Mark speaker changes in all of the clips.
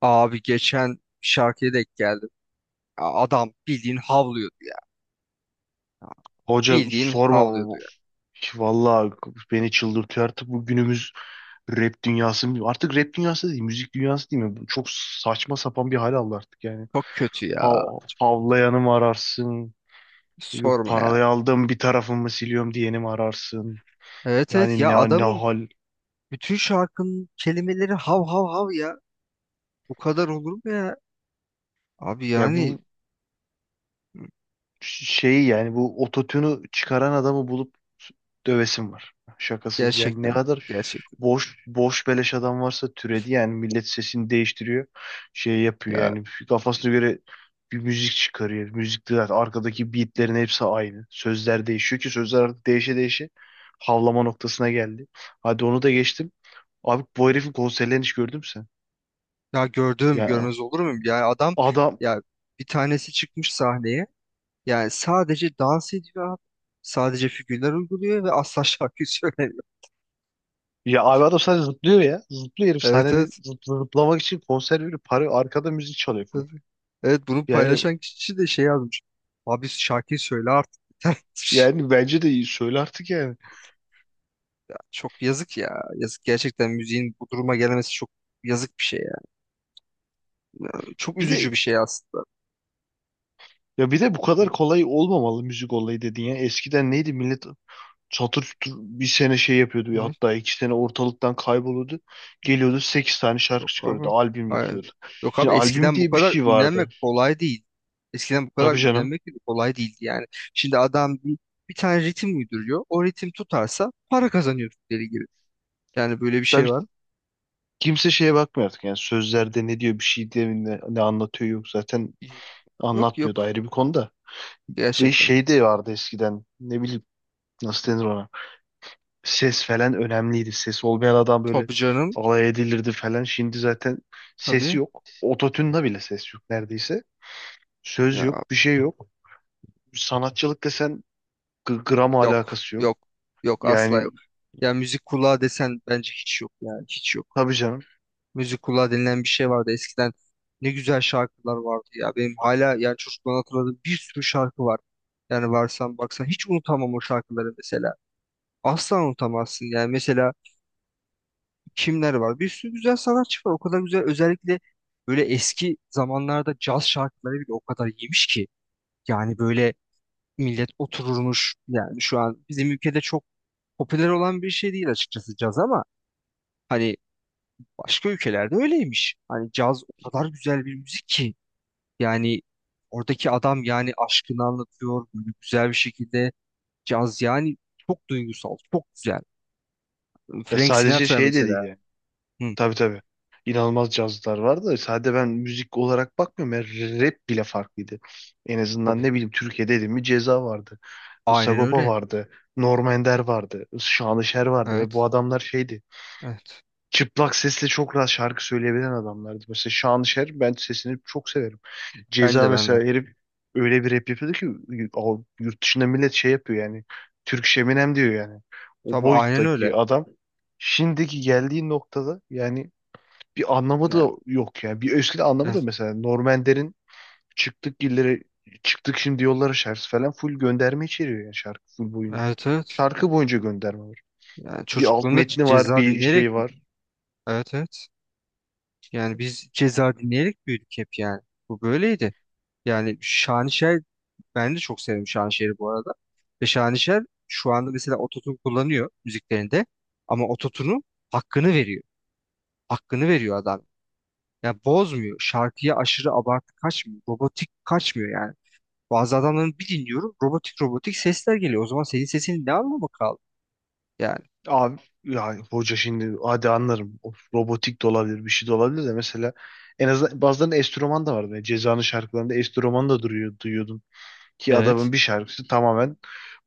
Speaker 1: Abi geçen bir şarkıya denk geldim. Ya Adam bildiğin havlıyordu ya.
Speaker 2: Hoca
Speaker 1: Bildiğin
Speaker 2: sorma.
Speaker 1: havlıyordu ya.
Speaker 2: Vallahi beni çıldırtıyor artık bu günümüz rap dünyası. Artık rap dünyası değil, müzik dünyası değil mi? Çok saçma sapan bir hal aldı artık yani.
Speaker 1: Çok kötü ya.
Speaker 2: Hav havlayanı mı ararsın? Yok,
Speaker 1: Sorma ya.
Speaker 2: parayı aldım bir tarafımı siliyorum diyeni mi ararsın?
Speaker 1: Evet evet
Speaker 2: Yani
Speaker 1: ya
Speaker 2: ne
Speaker 1: adamın
Speaker 2: hal?
Speaker 1: bütün şarkının kelimeleri hav hav hav ya. Bu kadar olur mu ya? Abi
Speaker 2: Ya
Speaker 1: yani
Speaker 2: bu Şeyi yani bu ototünü çıkaran adamı bulup dövesim var. Şakasız yani, ne
Speaker 1: gerçekten
Speaker 2: kadar
Speaker 1: gerçekten
Speaker 2: boş boş beleş adam varsa türedi, yani millet sesini değiştiriyor. Şey yapıyor
Speaker 1: ya
Speaker 2: yani kafasına göre bir müzik çıkarıyor. Müzikte zaten arkadaki beatlerin hepsi aynı. Sözler değişiyor ki sözler artık değişe değişe havlama noktasına geldi. Hadi onu da geçtim. Abi bu herifin konserlerini hiç gördün mü sen?
Speaker 1: ya gördüğüm
Speaker 2: Ya
Speaker 1: görmez olur muyum? Yani adam
Speaker 2: adam
Speaker 1: ya bir tanesi çıkmış sahneye. Yani sadece dans ediyor abi. Sadece figürler uyguluyor ve asla şarkı söylemiyor.
Speaker 2: Ya abi adam sadece zıplıyor ya. Zıplıyor herif
Speaker 1: Evet
Speaker 2: sahnede,
Speaker 1: evet.
Speaker 2: zıplamak için konser veriyor. Para arkada müzik çalıyor full.
Speaker 1: Tabii. Evet bunu
Speaker 2: Yani
Speaker 1: paylaşan kişi de şey yazmış. Abi şarkıyı söyle artık yeter."
Speaker 2: Yani bence de iyi. Söyle artık yani.
Speaker 1: Çok yazık ya. Yazık gerçekten müziğin bu duruma gelmesi çok yazık bir şey ya. Yani çok
Speaker 2: Bir
Speaker 1: üzücü
Speaker 2: de
Speaker 1: bir şey aslında.
Speaker 2: Ya bir de bu kadar
Speaker 1: Hı.
Speaker 2: kolay olmamalı müzik olayı dedin ya. Eskiden neydi millet çatır çutur bir sene şey yapıyordu ya,
Speaker 1: Hı.
Speaker 2: hatta iki sene ortalıktan kayboluyordu. Geliyordu sekiz tane şarkı
Speaker 1: Yok
Speaker 2: çıkarıyordu.
Speaker 1: abi.
Speaker 2: Albüm
Speaker 1: Hayır.
Speaker 2: yapıyordu.
Speaker 1: Yok
Speaker 2: Şimdi
Speaker 1: abi
Speaker 2: albüm
Speaker 1: eskiden bu
Speaker 2: diye bir
Speaker 1: kadar
Speaker 2: şey
Speaker 1: ünlenmek
Speaker 2: vardı.
Speaker 1: kolay değil. Eskiden bu kadar
Speaker 2: Tabii canım.
Speaker 1: ünlenmek de kolay değildi yani. Şimdi adam bir tane ritim uyduruyor. O ritim tutarsa para kazanıyor deli gibi. Yani böyle bir şey
Speaker 2: Tabii
Speaker 1: var.
Speaker 2: kimse şeye bakmıyor artık, yani sözlerde ne diyor bir şey diye, ne anlatıyor, yok zaten
Speaker 1: Yok
Speaker 2: anlatmıyordu,
Speaker 1: yok
Speaker 2: ayrı bir konuda. Ve
Speaker 1: gerçekten.
Speaker 2: şey de vardı eskiden. Ne bileyim nasıl denir ona. Ses falan önemliydi. Ses olmayan adam böyle
Speaker 1: Tabii canım.
Speaker 2: alay edilirdi falan. Şimdi zaten sesi
Speaker 1: Tabii.
Speaker 2: yok. Ototune'da bile ses yok neredeyse. Söz
Speaker 1: Ya
Speaker 2: yok, bir şey yok. Sanatçılıkla sen gram
Speaker 1: yok,
Speaker 2: alakası yok.
Speaker 1: yok, yok asla
Speaker 2: Yani
Speaker 1: yok. Ya müzik kulağı desen bence hiç yok yani hiç yok.
Speaker 2: tabii canım.
Speaker 1: Müzik kulağı denilen bir şey vardı eskiden. Ne güzel şarkılar vardı ya. Benim hala yani çocukluğumdan hatırladığım bir sürü şarkı var. Yani varsan baksan hiç unutamam o şarkıları mesela. Asla unutamazsın yani mesela kimler var? Bir sürü güzel sanatçı var. O kadar güzel özellikle böyle eski zamanlarda caz şarkıları bile o kadar iyiymiş ki. Yani böyle millet otururmuş yani şu an bizim ülkede çok popüler olan bir şey değil açıkçası caz ama hani başka ülkelerde öyleymiş. Hani caz o kadar güzel bir müzik ki yani oradaki adam yani aşkını anlatıyor böyle güzel bir şekilde caz yani çok duygusal, çok güzel.
Speaker 2: Ya
Speaker 1: Frank
Speaker 2: sadece
Speaker 1: Sinatra
Speaker 2: şey de değil
Speaker 1: mesela.
Speaker 2: yani.
Speaker 1: Hı,
Speaker 2: Tabii tabii. İnanılmaz cazlar var da sadece ben müzik olarak bakmıyorum. Ya rap bile farklıydı. En azından
Speaker 1: tabii.
Speaker 2: ne bileyim Türkiye'de dedim mi Ceza vardı.
Speaker 1: Aynen
Speaker 2: Sagopa
Speaker 1: öyle.
Speaker 2: vardı. Norm Ender vardı. Şanışer vardı ve bu
Speaker 1: Evet.
Speaker 2: adamlar şeydi.
Speaker 1: Evet.
Speaker 2: Çıplak sesle çok rahat şarkı söyleyebilen adamlardı. Mesela Şanışer, ben sesini çok severim.
Speaker 1: Ben
Speaker 2: Ceza
Speaker 1: de ben de.
Speaker 2: mesela, herif öyle bir rap yapıyordu ki o, yurt dışında millet şey yapıyor yani. Türk Şeminem diyor yani. O
Speaker 1: Tabii aynen öyle.
Speaker 2: boyuttaki adam şimdiki geldiği noktada yani bir anlamı
Speaker 1: Yani,
Speaker 2: da yok yani. Bir ösküde anlamı da,
Speaker 1: evet
Speaker 2: mesela Norm Ender'in Çıktık illere çıktık şimdi yollara şarkısı falan full gönderme içeriyor yani şarkı full boyunca.
Speaker 1: evet. Evet.
Speaker 2: Şarkı boyunca gönderme var.
Speaker 1: Yani
Speaker 2: Bir alt
Speaker 1: çocukluğumda C-
Speaker 2: metni var,
Speaker 1: ceza
Speaker 2: bir şey
Speaker 1: dinleyerek büyüdüm.
Speaker 2: var.
Speaker 1: Evet evet. Yani biz ceza dinleyerek büyüdük hep yani. Bu böyleydi. Yani Şanışer ben de çok severim Şanışer'i bu arada. Ve Şanışer şu anda mesela ototune kullanıyor müziklerinde ama ototune'un hakkını veriyor. Hakkını veriyor adam. Ya bozmuyor. Şarkıya aşırı abartı kaçmıyor. Robotik kaçmıyor yani. Bazı adamların bir dinliyorum robotik robotik sesler geliyor. O zaman senin sesinin ne anlamı kaldı? Yani
Speaker 2: Abi ya hoca, şimdi hadi anlarım. O robotik de olabilir, bir şey de olabilir de mesela en azından bazılarının enstrüman da vardı. Yani Ceza'nın şarkılarında enstrüman da duruyor, duyuyordum. Ki adamın
Speaker 1: evet.
Speaker 2: bir şarkısı tamamen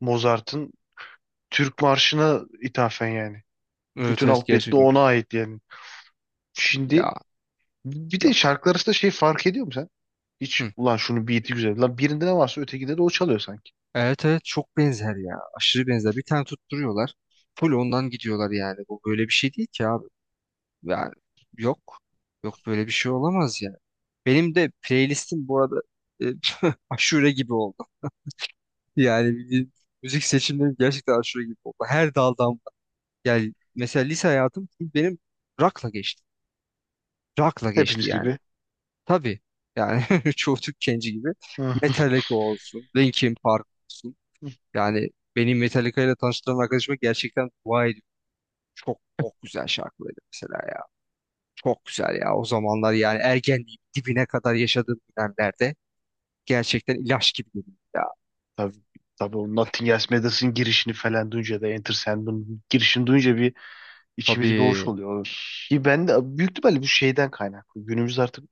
Speaker 2: Mozart'ın Türk Marşı'na ithafen yani.
Speaker 1: Evet
Speaker 2: Bütün
Speaker 1: evet
Speaker 2: alt metni
Speaker 1: gerçekten.
Speaker 2: ona ait yani. Şimdi
Speaker 1: Ya
Speaker 2: bir de
Speaker 1: yok.
Speaker 2: şarkılar arasında şey fark ediyor mu sen? Hiç
Speaker 1: Hı.
Speaker 2: ulan şunu beat'i güzel. Lan birinde ne varsa ötekinde de o çalıyor sanki.
Speaker 1: Evet evet çok benzer ya. Aşırı benzer. Bir tane tutturuyorlar. Full ondan gidiyorlar yani. Bu böyle bir şey değil ki abi. Ya yok. Yok böyle bir şey olamaz ya. Benim de playlistim bu arada e, aşure gibi oldu. Yani bildiğin müzik seçimlerim gerçekten aşure gibi oldu. Her daldan var. Yani mesela lise hayatım full benim rock'la geçti. Rock'la geçti
Speaker 2: Hepimiz
Speaker 1: yani.
Speaker 2: gibi.
Speaker 1: Tabii yani çoğu Türk genci gibi
Speaker 2: Hı.
Speaker 1: Metallica olsun, Linkin Park olsun. Yani beni Metallica ile tanıştıran arkadaşıma gerçekten dua ediyorum. Çok çok güzel şarkıları mesela. Çok güzel ya o zamanlar yani ergenliğin dibine kadar yaşadığım dönemlerde gerçekten ilaç gibi geliyor ya.
Speaker 2: Tabii, tabii, o Nothing Else Matters'ın girişini falan duyunca da Enter Sandman'ın girişini duyunca bir içimiz bir hoş
Speaker 1: Tabii.
Speaker 2: oluyor. Ki ben de büyük ihtimalle bu şeyden kaynaklı. Günümüz artık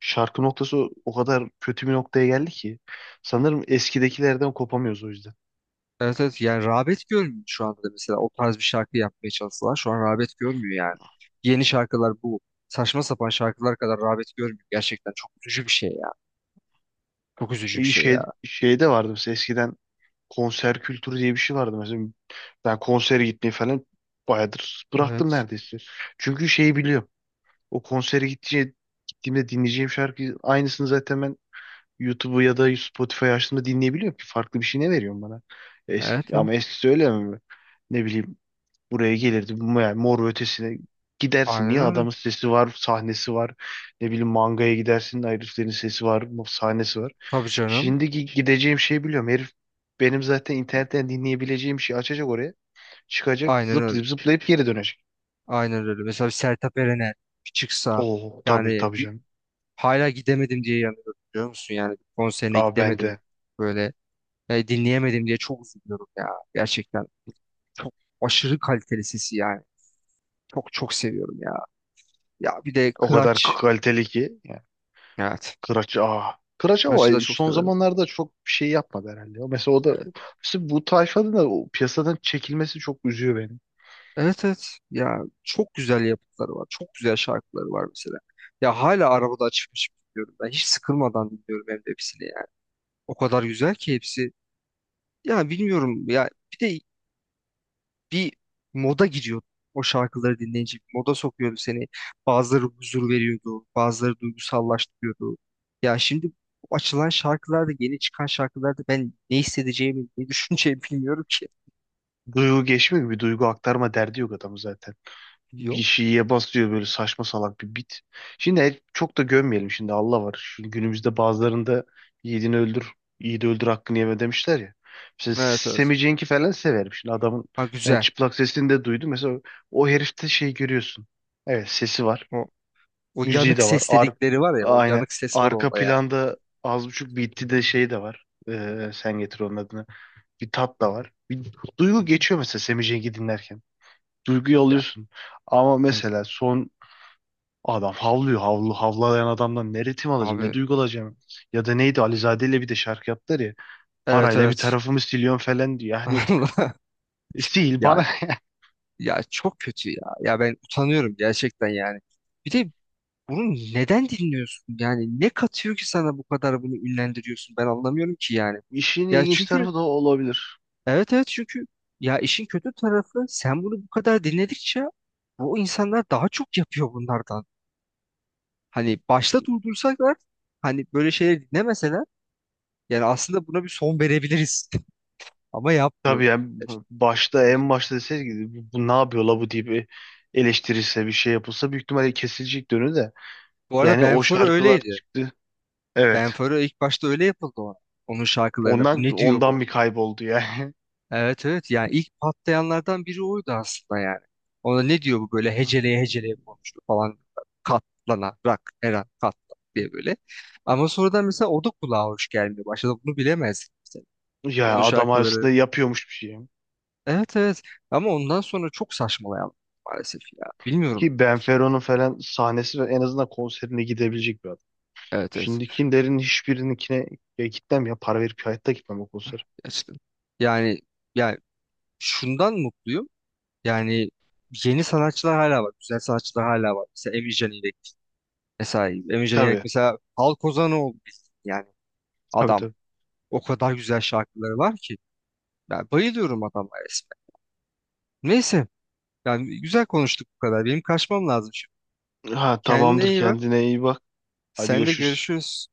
Speaker 2: şarkı noktası o kadar kötü bir noktaya geldi ki. Sanırım eskidekilerden kopamıyoruz o yüzden.
Speaker 1: Evet evet yani rağbet görmüyor şu anda da mesela o tarz bir şarkı yapmaya çalışsalar şu an rağbet görmüyor yani. Yeni şarkılar bu saçma sapan şarkılar kadar rağbet görmüyor. Gerçekten çok üzücü bir şey ya. Çok üzücü bir şey ya.
Speaker 2: Şeyde vardı mesela eskiden konser kültürü diye bir şey vardı mesela. Ben konsere gitmeyi falan bayağıdır bıraktım
Speaker 1: Evet.
Speaker 2: neredeyse. Çünkü şeyi biliyorum. O konsere gittiğimde, Gittiğimde dinleyeceğim şarkı aynısını zaten ben YouTube'u ya da Spotify açtığımda dinleyebiliyorum ki farklı bir şey ne veriyorum bana.
Speaker 1: Evet
Speaker 2: Ama
Speaker 1: evet.
Speaker 2: eskisi öyle mi? Ne bileyim, buraya gelirdi. Yani Mor ve Ötesi'ne gidersin.
Speaker 1: Aynen
Speaker 2: Niye?
Speaker 1: öyle.
Speaker 2: Adamın sesi var, sahnesi var. Ne bileyim mangaya gidersin. Heriflerin sesi var, sahnesi var.
Speaker 1: Tabii canım.
Speaker 2: Şimdiki gideceğim şeyi biliyorum. Herif benim zaten internetten dinleyebileceğim şeyi açacak oraya. Çıkacak,
Speaker 1: Aynen öyle.
Speaker 2: zıplayıp zıplayıp geri dönecek.
Speaker 1: Aynen öyle. Mesela bir Sertab Erener bir çıksa
Speaker 2: Oo tabii,
Speaker 1: yani
Speaker 2: tabii canım.
Speaker 1: hala gidemedim diye yanıyorum biliyor musun? Yani konserine
Speaker 2: Aa ben de.
Speaker 1: gidemedim. Böyle dinleyemedim diye çok üzülüyorum ya. Gerçekten çok aşırı kaliteli sesi yani. Çok çok seviyorum ya. Ya bir de
Speaker 2: O kadar
Speaker 1: Kıraç.
Speaker 2: kaliteli ki. Yani,
Speaker 1: Evet.
Speaker 2: Kıraç aa. Kıraç ama
Speaker 1: Kıraç'ı da çok
Speaker 2: son
Speaker 1: severim.
Speaker 2: zamanlarda çok bir şey yapmadı herhalde. Mesela o da,
Speaker 1: Evet.
Speaker 2: mesela bu tayfanın da o piyasadan çekilmesi çok üzüyor beni.
Speaker 1: Evet evet. Ya çok güzel yapıtları var. Çok güzel şarkıları var mesela. Ya hala arabada açıp açıp dinliyorum. Ben hiç sıkılmadan dinliyorum hem de hepsini yani. O kadar güzel ki hepsi. Ya bilmiyorum ya. Bir de bir moda giriyordu. O şarkıları dinleyince bir moda sokuyordu seni. Bazıları huzur veriyordu, bazıları duygusallaştırıyordu. Ya şimdi bu açılan şarkılarda, yeni çıkan şarkılarda ben ne hissedeceğimi, ne düşüneceğimi bilmiyorum ki.
Speaker 2: Duygu geçmiyor gibi, bir duygu aktarma derdi yok adamı zaten. Bir
Speaker 1: Yok.
Speaker 2: şeye bas böyle saçma salak bir bit. Şimdi çok da gömmeyelim şimdi, Allah var. Şu günümüzde bazılarında yiğidini öldür, yiğidi öldür, hakkını yeme demişler ya. Mesela
Speaker 1: Evet evet.
Speaker 2: Sammy Cenk'i falan severim. Şimdi adamın
Speaker 1: Ha
Speaker 2: ben
Speaker 1: güzel.
Speaker 2: çıplak sesini de duydum. Mesela o herifte şey görüyorsun. Evet sesi var.
Speaker 1: O, o
Speaker 2: Müziği
Speaker 1: yanık
Speaker 2: de var.
Speaker 1: ses dedikleri var ya, o
Speaker 2: Aynen.
Speaker 1: yanık ses var
Speaker 2: Arka
Speaker 1: onda ya.
Speaker 2: planda az buçuk bitti de şey de var. Sen getir onun adını. Bir tat da var. Bir
Speaker 1: Hı
Speaker 2: duygu
Speaker 1: hı.
Speaker 2: geçiyor mesela Semih Cenk'i dinlerken. Duyguyu
Speaker 1: Ya
Speaker 2: alıyorsun. Ama
Speaker 1: evet.
Speaker 2: mesela son adam havlıyor. Havlu, havlayan adamdan ne ritim alacağım, ne
Speaker 1: Abi
Speaker 2: duygu alacağım. Ya da neydi, Alizade ile bir de şarkı yaptılar ya.
Speaker 1: evet
Speaker 2: Parayla bir
Speaker 1: evet.
Speaker 2: tarafımı siliyorum falan diyor. Yani
Speaker 1: Allah.
Speaker 2: sil
Speaker 1: Ya
Speaker 2: bana.
Speaker 1: ya çok kötü ya. Ya ben utanıyorum gerçekten yani. Bir de bunu neden dinliyorsun? Yani ne katıyor ki sana bu kadar bunu ünlendiriyorsun? Ben anlamıyorum ki yani.
Speaker 2: İşin
Speaker 1: Ya
Speaker 2: ilginç
Speaker 1: çünkü
Speaker 2: tarafı da o olabilir.
Speaker 1: evet evet çünkü ya işin kötü tarafı sen bunu bu kadar dinledikçe bu insanlar daha çok yapıyor bunlardan. Hani başta durdursalar hani böyle şeyleri dinlemeseler yani aslında buna bir son verebiliriz ama
Speaker 2: Tabii
Speaker 1: yapmıyorlar.
Speaker 2: yani en başta deseydi bu, bu ne yapıyor la bu diye bir eleştirirse, bir şey yapılsa büyük ihtimalle kesilecek dönü de.
Speaker 1: Bu arada
Speaker 2: Yani o
Speaker 1: Benfero
Speaker 2: şarkılar
Speaker 1: öyleydi.
Speaker 2: çıktı. Evet.
Speaker 1: Benfero ilk başta öyle yapıldı ona. Onun şarkılarına bu
Speaker 2: Ondan
Speaker 1: ne diyor bu?
Speaker 2: ondan bir kayboldu yani.
Speaker 1: Evet evet yani ilk patlayanlardan biri oydu aslında yani. Ona ne diyor bu böyle heceleye heceleye konuştu falan katlanarak her an katlan diye böyle. Ama sonradan mesela o da kulağa hoş gelmiyor. Başta bunu bilemezdik mesela.
Speaker 2: Ya
Speaker 1: Onun
Speaker 2: adam
Speaker 1: şarkıları.
Speaker 2: aslında yapıyormuş bir şey.
Speaker 1: Evet evet ama ondan sonra çok saçmalayan maalesef ya. Bilmiyorum.
Speaker 2: Ki Benfero'nun falan sahnesi ve en azından konserine gidebilecek bir adam.
Speaker 1: Evet evet
Speaker 2: Şimdikilerin hiçbirininkine ya gitmem, ya para verip hayatta gitmem o konser.
Speaker 1: gerçekten. Yani, yani şundan mutluyum. Yani yeni sanatçılar hala var. Güzel sanatçılar hala var. Mesela Emi Can ile. Mesela Emircan Yerlik
Speaker 2: Tabii.
Speaker 1: mesela halk ozanı oldu bizim. Yani
Speaker 2: Tabii
Speaker 1: adam
Speaker 2: tabii.
Speaker 1: o kadar güzel şarkıları var ki. Ben bayılıyorum adama resmen. Neyse yani güzel konuştuk bu kadar. Benim kaçmam lazım şimdi.
Speaker 2: Ha
Speaker 1: Kendine
Speaker 2: tamamdır,
Speaker 1: iyi bak.
Speaker 2: kendine iyi bak. Hadi
Speaker 1: Sen de
Speaker 2: görüşürüz.
Speaker 1: görüşürüz.